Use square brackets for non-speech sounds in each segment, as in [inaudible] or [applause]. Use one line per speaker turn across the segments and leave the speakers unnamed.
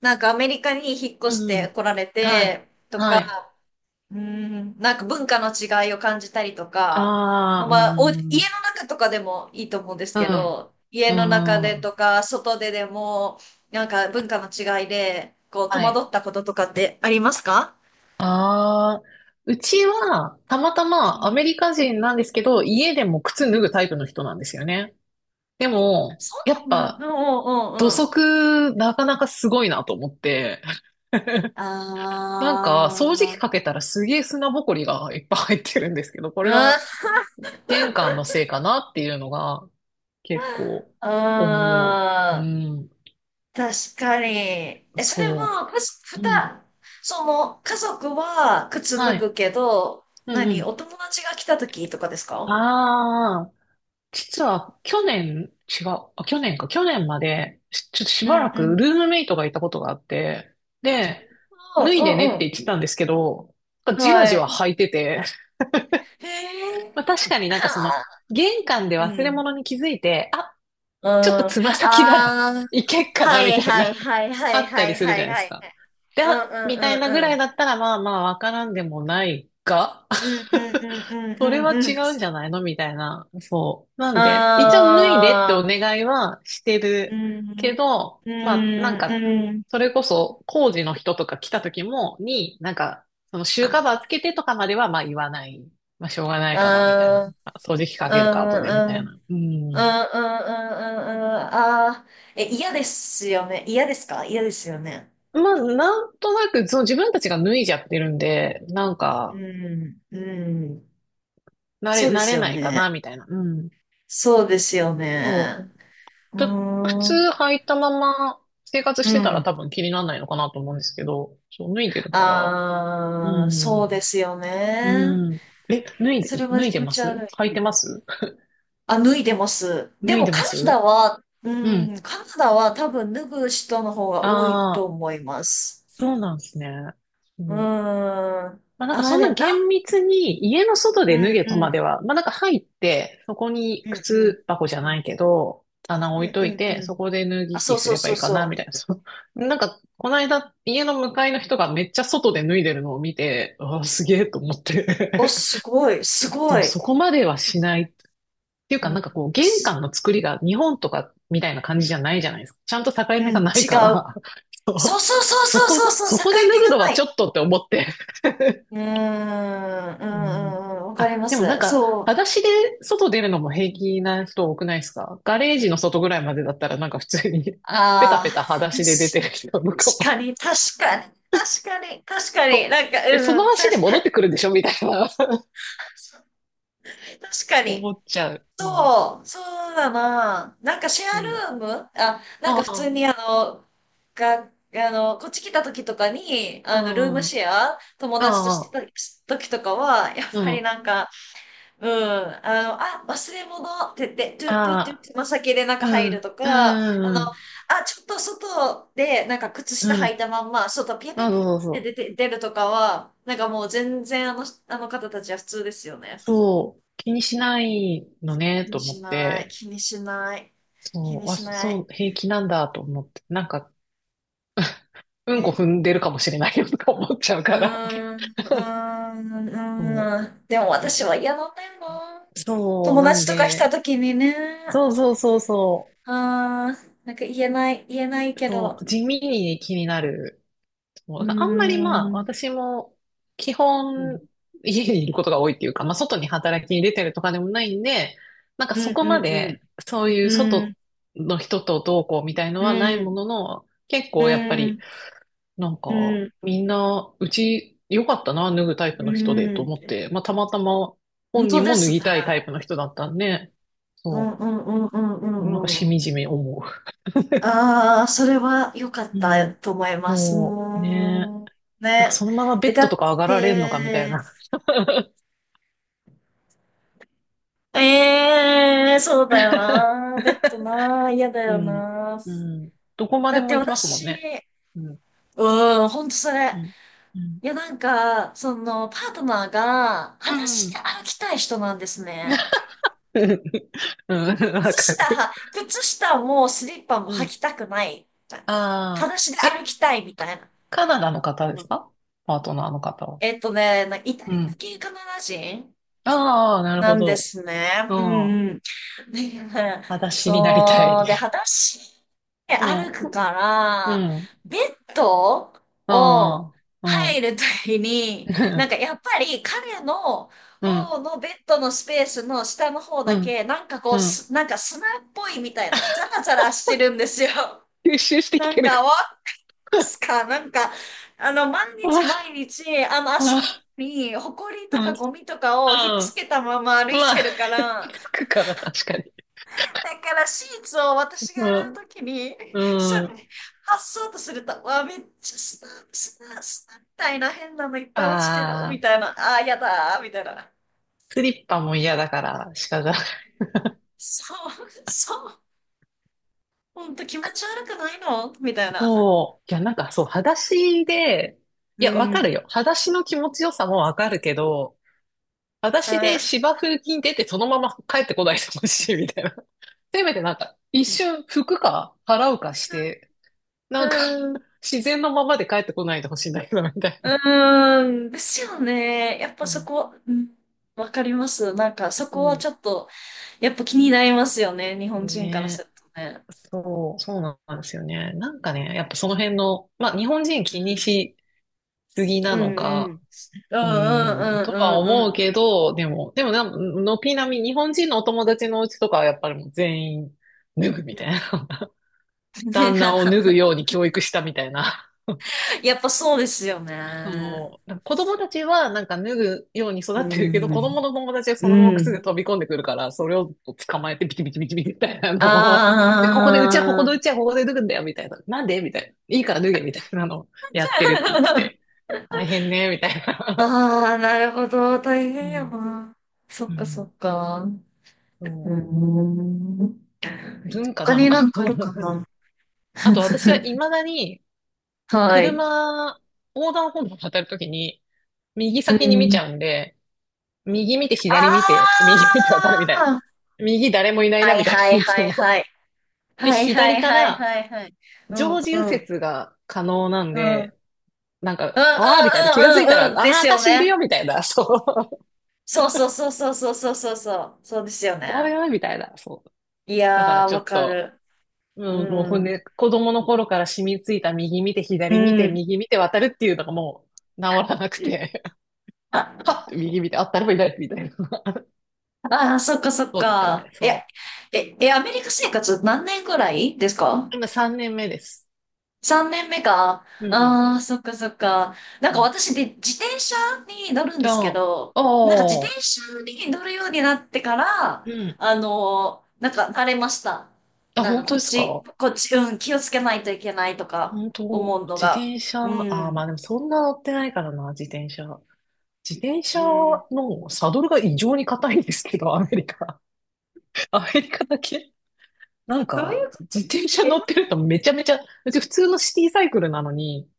なんかアメリカに引っ越し
う
て
ん。
来られ
はい。
てと
は
か、
い。
うん、なんか文化の違いを感じたりとか、も
あ
う
あ、
ま
う
あ、お、家の
ん。
中とかでもいいと思うんです
う
け
ん。
ど、家
う
の中でと
ん。
か、外ででも、なんか文化の違いで、こう、戸
は
惑
い。
ったこととかってありますか？
ああ、うちは、たまた
う
まア
ん。
メリカ人なんですけど、家でも靴
う
脱
ん。
ぐタイプの人なんですよね。でも、
そ
やっ
うなん
ぱ、
だ。うんうんう
土
んうん。
足、なかなかすごいなと思って、掃除
ああ、
機かけたらすげえ砂ぼこりがいっぱい入ってるんですけど、こ
う
れは、
ん。
玄関のせいかなっていうのが、結構、
う
思う。う
ん。
ん。
確かに。え、それ
そ
は、かし、
う。
ふ
うん。
た、その、家族は靴脱
はい。
ぐけど、
うんう
何、お
ん。
友達が来た時とかですか？
ああ、実は去年、違う。あ、去年か。去年まで、ちょっとし
うん
ばら
う
く
ん。
ルームメイトがいたことがあって、で、
あ
脱い
う
でねって
ん
言
う
ってたんですけど、なん
ん。
かじわ
は
じわ
い。
履いてて、
へえ。
[laughs] まあ確
[laughs]
かになんかその、
はあ
玄関で
う
忘れ
ん。
物に気づいて、あ、
うん。
ちょっと
あ
つま先なら
あ。
いけっか
は
な、み
い
たい
はい
な。
はいは
あ
い
った
は
り
い
する
は
じゃ
い
ないで
は
す
い。
か。で、
うんう
あみたい
んう
なぐ
んう
らい
ん。
だったら、まあまあ、わからんでもないが、
うんうんうん
[laughs]
う
それ
ん
は
うんう
違
ん。
うんじゃないのみたいな。そう。なんで、一応脱いでって
あ
お
あ。
願いはして
う
る
ん。
けど、
うん
まあ、
うん。
それこそ工事の人とか来た時も、に、なんか、そのシューカバーつけてとかまでは、まあ言わない。まあしょうがないから、みたいな。
ああ。
あ掃除機
うん
かけるか、後で、みた
うんう
い
ん
な。う
う
ん。
んうんうんうんうんああー、え、嫌ですよね。嫌ですか？嫌ですよね。
まあ、なんとなく、その自分たちが脱いじゃってるんで、なん
う
か、
ん、うん。そうで
慣
す
れ
よ
ないか
ね。
な、みたいな。うん。
そうですよね。
そう。
うー
ちょ靴
ん、
履いたまま生活
う
してたら
ん。
多分気にならないのかなと思うんですけど、そう、脱いでるから。う
ああ、そうで
ん。
すよ
う
ね。
ん。え、
それは
脱い
気
で
持
ま
ち悪
す？
い。
履いてます？
あ、脱いでます。で
脱い
も
でま
カナダ
す。
は、
う
う
ん。
ん、カナダは多分脱ぐ人の方が多い
あ
と
あ、
思います。
そうなんですね。う
うーん。
ん。
あ
まあなんかそ
あ、
ん
で
な
もな、
厳密に家の外
う
で脱
ん
げと
う
ま
ん。
では、まあなんか入って、そこ
う
に
んうん。
靴箱じゃないけど、棚
う
置い
ん
と
う
い
んうん
て、
うん。
そこで脱
あ、
ぎ
そ
着
う
す
そう
れば
そ
い
う
いかな、
そ
みたいな。[laughs] そう、なんか、この間、家の向かいの人がめっちゃ外で脱いでるのを見て、ああ、すげえと思っ
う。お、
て。
すごい、す
[laughs]
ご
そう、
い。
そこまではしない。っていう
う
か、な
ん、
んかこう、玄
す
関の作りが日本とかみたいな感じじゃないじゃないですか。ちゃんと境
う
目
ん違
が
う。
ないから、[laughs] そ
そうそう
う、
そうそうそうそう、
そ
境
こで脱
目
ぐ
が
の
な
はちょ
い。
っとって思って。[laughs]
うーん、う
うん。
ん、うん、うんわかり
あ、
ま
でもなん
す。
か、
そう。
裸足で外出るのも平気な人多くないですか？ガレージの外ぐらいまでだったらなんか普通に [laughs] ペタ
あ
ペタ裸
あ、
足で出
し
てる人とかも、
確かに、確かに、確かに、確かに、なんか、
え、その
うん、
足で
確か
戻っ
に、
てくるんでしょみたいな
確か
[laughs] 思
に。
っちゃう。うん。
そう、そうだな。なんかシェ
う
ア
ん。
ルームあ、なん
あ
か普通
あ、
にあの、が、あの、こっち来た時とかに、あの、ルーム
あ
シェア、友
あ、
達として
ああ、
た時とかは、やっ
う
ぱり
ん。
なんか、うん、あの、あ、忘れ物って言って、トゥットゥットゥッ
ああ、
つま先でなん
う
か入る
ん、
と
う
か、あの、
ん、うん。
あ、ちょっと外で、なんか靴
う
下履いた
ん。
まんま、外ピャピャ
あ、
ピャ
そ
っ
うそうそ
て出
う。
て、出るとかは、なんかもう全然あの、あの方たちは普通ですよね。
そう、気にしないのね、
気
と
に
思
し
っ
ない、
て。
気にしない、気
そ
に
う、あ、
しな
そ
い。
う、平気なんだと思って。なんか、うんこ
ね。
踏んでるかもしれないよとか思っちゃう
う
から。
ーん、うー
[laughs]
ん、う
そう。
ーん。でも私は嫌なんだよな。
そう、
友
なん
達とか来
で、
た時にね。
そうそうそうそ
ああ、なんか言えない、言えない
う、
け
そ
ど。
う、地味に気になる。そう
うー
だからあんまり、
ん、
ま
う
あ、
ん、
私も基
うん、
本家にいることが多いっていうか、まあ外に働きに出てるとかでもないんで、なんか
う
そ
ん、
こま
う
でそうい
ん、
う
うん、
外の人とどうこうみたいの
う
はない
ん、
ものの、結
う
構やっぱり
ん、
なん
う
か、
ん。
みんな、うち良かったな、脱ぐタイプの人でと思って、まあ、たまたま
本
本
当
人
で
も脱
す
ぎ
ね。
たいタイプの人だったんで、
うん、
そ
うん、うん、うん、う
う、なんか
ん、う
しみ
ん。
じみ思
ああ、それは良かっ
う。う
た
ん、
と思います。
そう、ね
も
え。
う、
なんか
ね。
そのままベ
え、
ッ
だ
ド
っ
とか上がられんのかみたい
て、
な。
ええそうだよ
[laughs]
な。ベッドな。嫌だ
う
よ
ん、
な。
うん。どこま
だ
で
って
も行きますもん
私、
ね。うん、
うん、ほんとそ
う
れ。
ん、うん。
いや、なんか、その、パートナーが、
う
裸足で
ん。
歩きたい人なんですね。
[laughs] うん、わ
靴
かる。
下もスリッパも
う
履
ん。
きたくない。裸
あ
足で
あ、
歩
え、
きたいみたいな。
カナダの方ですか？パートナーの方は。
なんかイタ
う
リア
ん。
系カナダ人
ああ、なる
な
ほ
んで
ど。
すね。
う
う
ん。
んうん。で
裸足になりた
そ
い。
う。で、
[laughs]
裸足で
う
歩
ん。
くか
う
ら、
ん。
ベッドを
ああ、う
入
ん。
るときに、なんか
[laughs]
やっぱり彼の
う
方
ん。
のベッドのスペースの下の方
う
だ
ん。
け、なんかこう、
うん。
すなんか砂っぽいみたいな、ザ
[laughs]
ラザラしてるんですよ。
吸収してき
なん
てるか。
か、わ
[laughs]
すか、なんか、あの、毎日
あ
毎日、あの、足
あ、
の裏に、ほこり
う
と
ん。う
か
ん。
ゴミとかをひっつけたまま歩い
ま
て
あ、
るから、
つくから、確かに。
だからシーツを私
う
が洗う
ん。
ときに、それ、
うん。
発そうとすると、わ、めっちゃスナ、スナ、スナみたいな変なのいっぱい落ちてる、
あ
みた
あ、
いな、あー、やだー、みたいな。
スリッパも嫌だから、鹿が。
そう、そう、ほんと気持ち悪くないのみたいな。
そう。いや、なんかそう、裸足で、い
う
や、わかる
ん。
よ。裸足の気持ちよさもわかるけど、裸
う
足で
ん。
芝生に出てそのまま帰ってこないでほしいみたいな。[laughs] せめてなんか、一瞬服か払うかして、
う
なんか [laughs]
ん
自然のままで帰ってこないでほしいんだけど、みたい
う
な。
ーん、ですよね。やっぱ
う
そ
ん、
こ、うん、わかります。なんかそこは
そ
ちょっと、やっぱ気になりますよね。日本
う
人からす
ね。
るとね。
そう、そうなんですよね。なんかね、やっぱその辺の、まあ日本人
う
気に
ん。
しすぎな
うんう
の
んうん
か、
う
うん、
ん
と
う
は
んうんう
思うけ
ん
ど、でもな、軒並み日本人のお友達のうちとかはやっぱりもう全員脱ぐ
う
みた
ん。
いな。[laughs] 旦那を脱ぐ
[laughs]
ように教育したみたいな。
やっぱそうですよね。
そう。なんか子供たちはなんか脱ぐように育
う
ってるけど、
ん。
子供の友達はそのまま
う
靴で
ん。
飛び込んでくるから、それを捕まえてビチビチビチビチみたいなのを [laughs]、
あ
で、ここで、うちはここのうち
あ
はここで脱ぐんだよ、みたいな。なんでみたいな。いいから脱げ、みたいなのをやってるって言って
ー。
て。大変ね、みたいな。
[laughs] ああ、なるほど。大
う
変や
ん。
な。そ
う
っかそ
ん。
っか。うー
そ
ん。
う。文化
他
なの
に
か
なん
な。
かあるか
[laughs]
な。
あと私は未
[laughs]
だに
はい。
車、横断歩道を渡るときに、右
う
先に見ち
ん。
ゃうんで、右見て左見て、
あ
右見て渡るみたいな。
あ
右誰もいない
は
な
い
みたい
は
な、
い
いつ
はい
も。
はい。
で、
はいは
左
い
か
はい
ら
はいはい。うん
常時右
うん
折が可能なん
うん。うんうん
で、なん
うん
か、ああ、みたいな。気がついたら、
う
あ
んうん。で
あ、
すよ
私いる
ね。
よ、みたいな。そう。
そうそうそうそうそうそうそうそう。そうですよ
[laughs] おい
ね。
おい、みたいな。そう。
い
だから
やー、
ちょっ
わか
と、
る。う
もうほん
ん。
で、子供の頃から染みついた右見て
う
左見て、
ん。
右見て渡るっていうのがもう治らなくて、[laughs] は
あ、
っって右見て、あ、誰もいない、みたいな。[laughs]
あー、そっかそっ
そうだったみたい。
か。いや、
そ
え、え、アメリカ生活何年ぐらいですか？
う。今3年目です。
3年目か。
うんうん。
ああ、そっかそっか。なん
う
か
ん。
私で自転車に乗るんですけ
あ
ど、
あ、
なんか自
ああ。
転車に乗るようになってか
う
ら、
ん。
なんか慣れました。
あ、
なんか
本
こ
当
っ
です
ち、
か？
こっち、うん、気をつけないといけないとか
本当、
思うの
自
が。
転車、
う
あー、
ん。
まあでもそんな乗ってないからな、自転車。自転
う
車
ん。
のサドルが異常に硬いんですけど、[laughs] アメリカ。[laughs] アメリカだけ。なん
どうい
か、
うこと？
自転車
え
乗ってるとめちゃめちゃ、うち普通のシティサイクルなのに、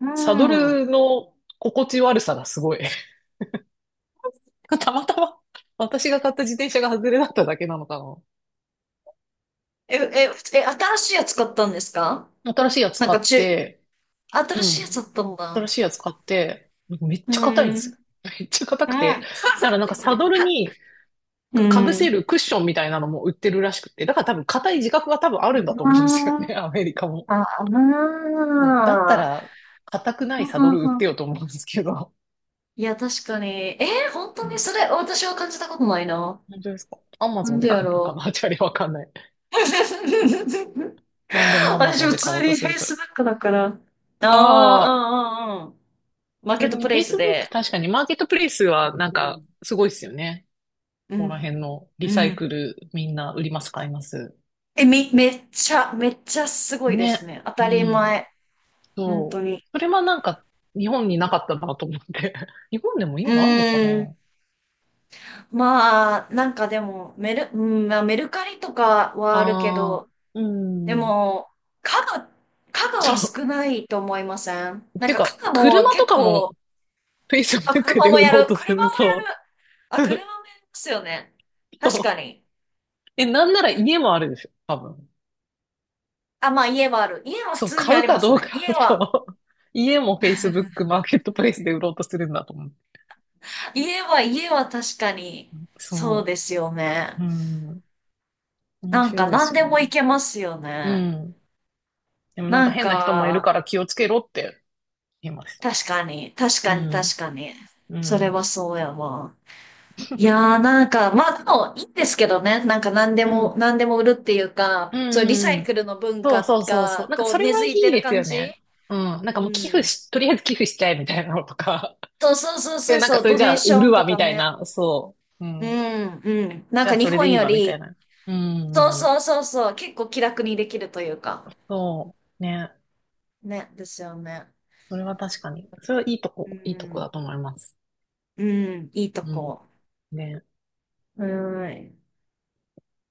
う
サド
ん。
ルの心地悪さがすごい。[laughs] たまたま、私が買った自転車が外れだっただけなのかな。
え、え、え、新しいやつ買ったんですか？
新しいやつ
なん
買
か
っ
中、
て、う
新しいやつ
ん。
だったんだ。
新しいやつ買って、めっ
う
ちゃ硬いん
ん。
で
う
す
ん。
よ。[laughs] めっちゃ硬くて。だからなんかサドル
[laughs]
に
う
かぶせ
ん。
るクッションみたいなのも売ってるらしくて。だから多分硬い自覚が多分あるんだと
あ
思うんですよね。[laughs]
ー
アメリカも。
ああー、
もうだったら、硬く
[laughs]
な
ふ
いサド
は
ル売っ
は、
てよと思うんですけど。
いや、確かに。えー、本
う
当に
ん。
それ、私は感じたことないな。
本当ですか？アマ
な
ゾ
ん
ンで
で
買
や
ったか
ろ
な？チャリわかんない。
う。[laughs]
なんでもアマ
私、
ゾン
普
で買おう
通に
とすると。
Facebook だから。あ
ああ、
あ、うんうんうん。マー
そ
ケ
れ
ット
に
プレイス
Facebook、
で。
確かにマーケットプレイスはなん
う
か
ん。
すごいですよね。
う
ここら
ん。
辺のリ
う
サイク
ん。
ルみんな売ります、買います。
え、め、めっちゃ、めっちゃすごいです
ね。
ね。当
う
たり
ん。
前。本当
そう。
に。
それはなんか、日本になかったなと思って。[laughs] 日本でも
う
今あるのか
ーん。
な？
まあ、なんかでも、メル、うん、まあ、メルカリとかはあるけ
あ
ど、
あー、う
で
ん。
も、家具、家具は少
そ
ないと思いません？
う。
なん
て
か家
か、
具も
車と
結
かも
構、あ、
Facebook
車
で
も
売
や
ろう
る、車
とする。
もや
そ
る、あ、
う。
車
[laughs]
もやりますよね。確か
そう。
に。
え、なんなら家もあるでしょ、多分。
あ、まあ家はある。家は普
そう、
通に
買
あ
う
り
か
ます
どうか、
ね。家は、
そう。家も Facebook マーケットプレイスで売ろうとするんだと思う。
家は、家は確かに、そう
そ
ですよね。
う。うん。面
なんか
白いです
何
よ
でもい
ね。
けますよ
う
ね。
ん。でもなん
な
か
ん
変な人もいる
か、
から気をつけろって言います。
確かに、確
う
かに、確
ん。
かに。
う
それ
ん。
はそうやわ。いや
[laughs]
ーなんか、まあでもいいんですけどね。なんか何で
うん。う
も、
ん
何でも売るっていう
う
か、そう、リサ
ん
イ
うん。
クルの文
そう
化
そうそうそう。
が、
なんか
こ
そ
う、
れ
根
はい
付いて
い
る
です
感
よ
じ。
ね。うん。なん
う
かもう寄付
ん。
し、とりあえず寄付しちゃえみたいなのとか。
そうそうそう
[laughs]
そ
で、
う
なんか
そう、
それ
ド
じゃ
ネー
あ
シ
売
ョ
る
ン
わ
と
み
か
たい
ね。
な。そう。う
う
ん。
ん、うん。なん
じゃ
か
あ
日
それで
本
いい
よ
わみたい
り、
な。うんう
そう
んうん。
そうそうそう、結構気楽にできるというか。
そう。ね。
ね、ですよね。
それは確かに。それはいいと
う
こ、いいとこ
ん、
だと思います。
うん、いいと
うん。
こ。
ね。
うん。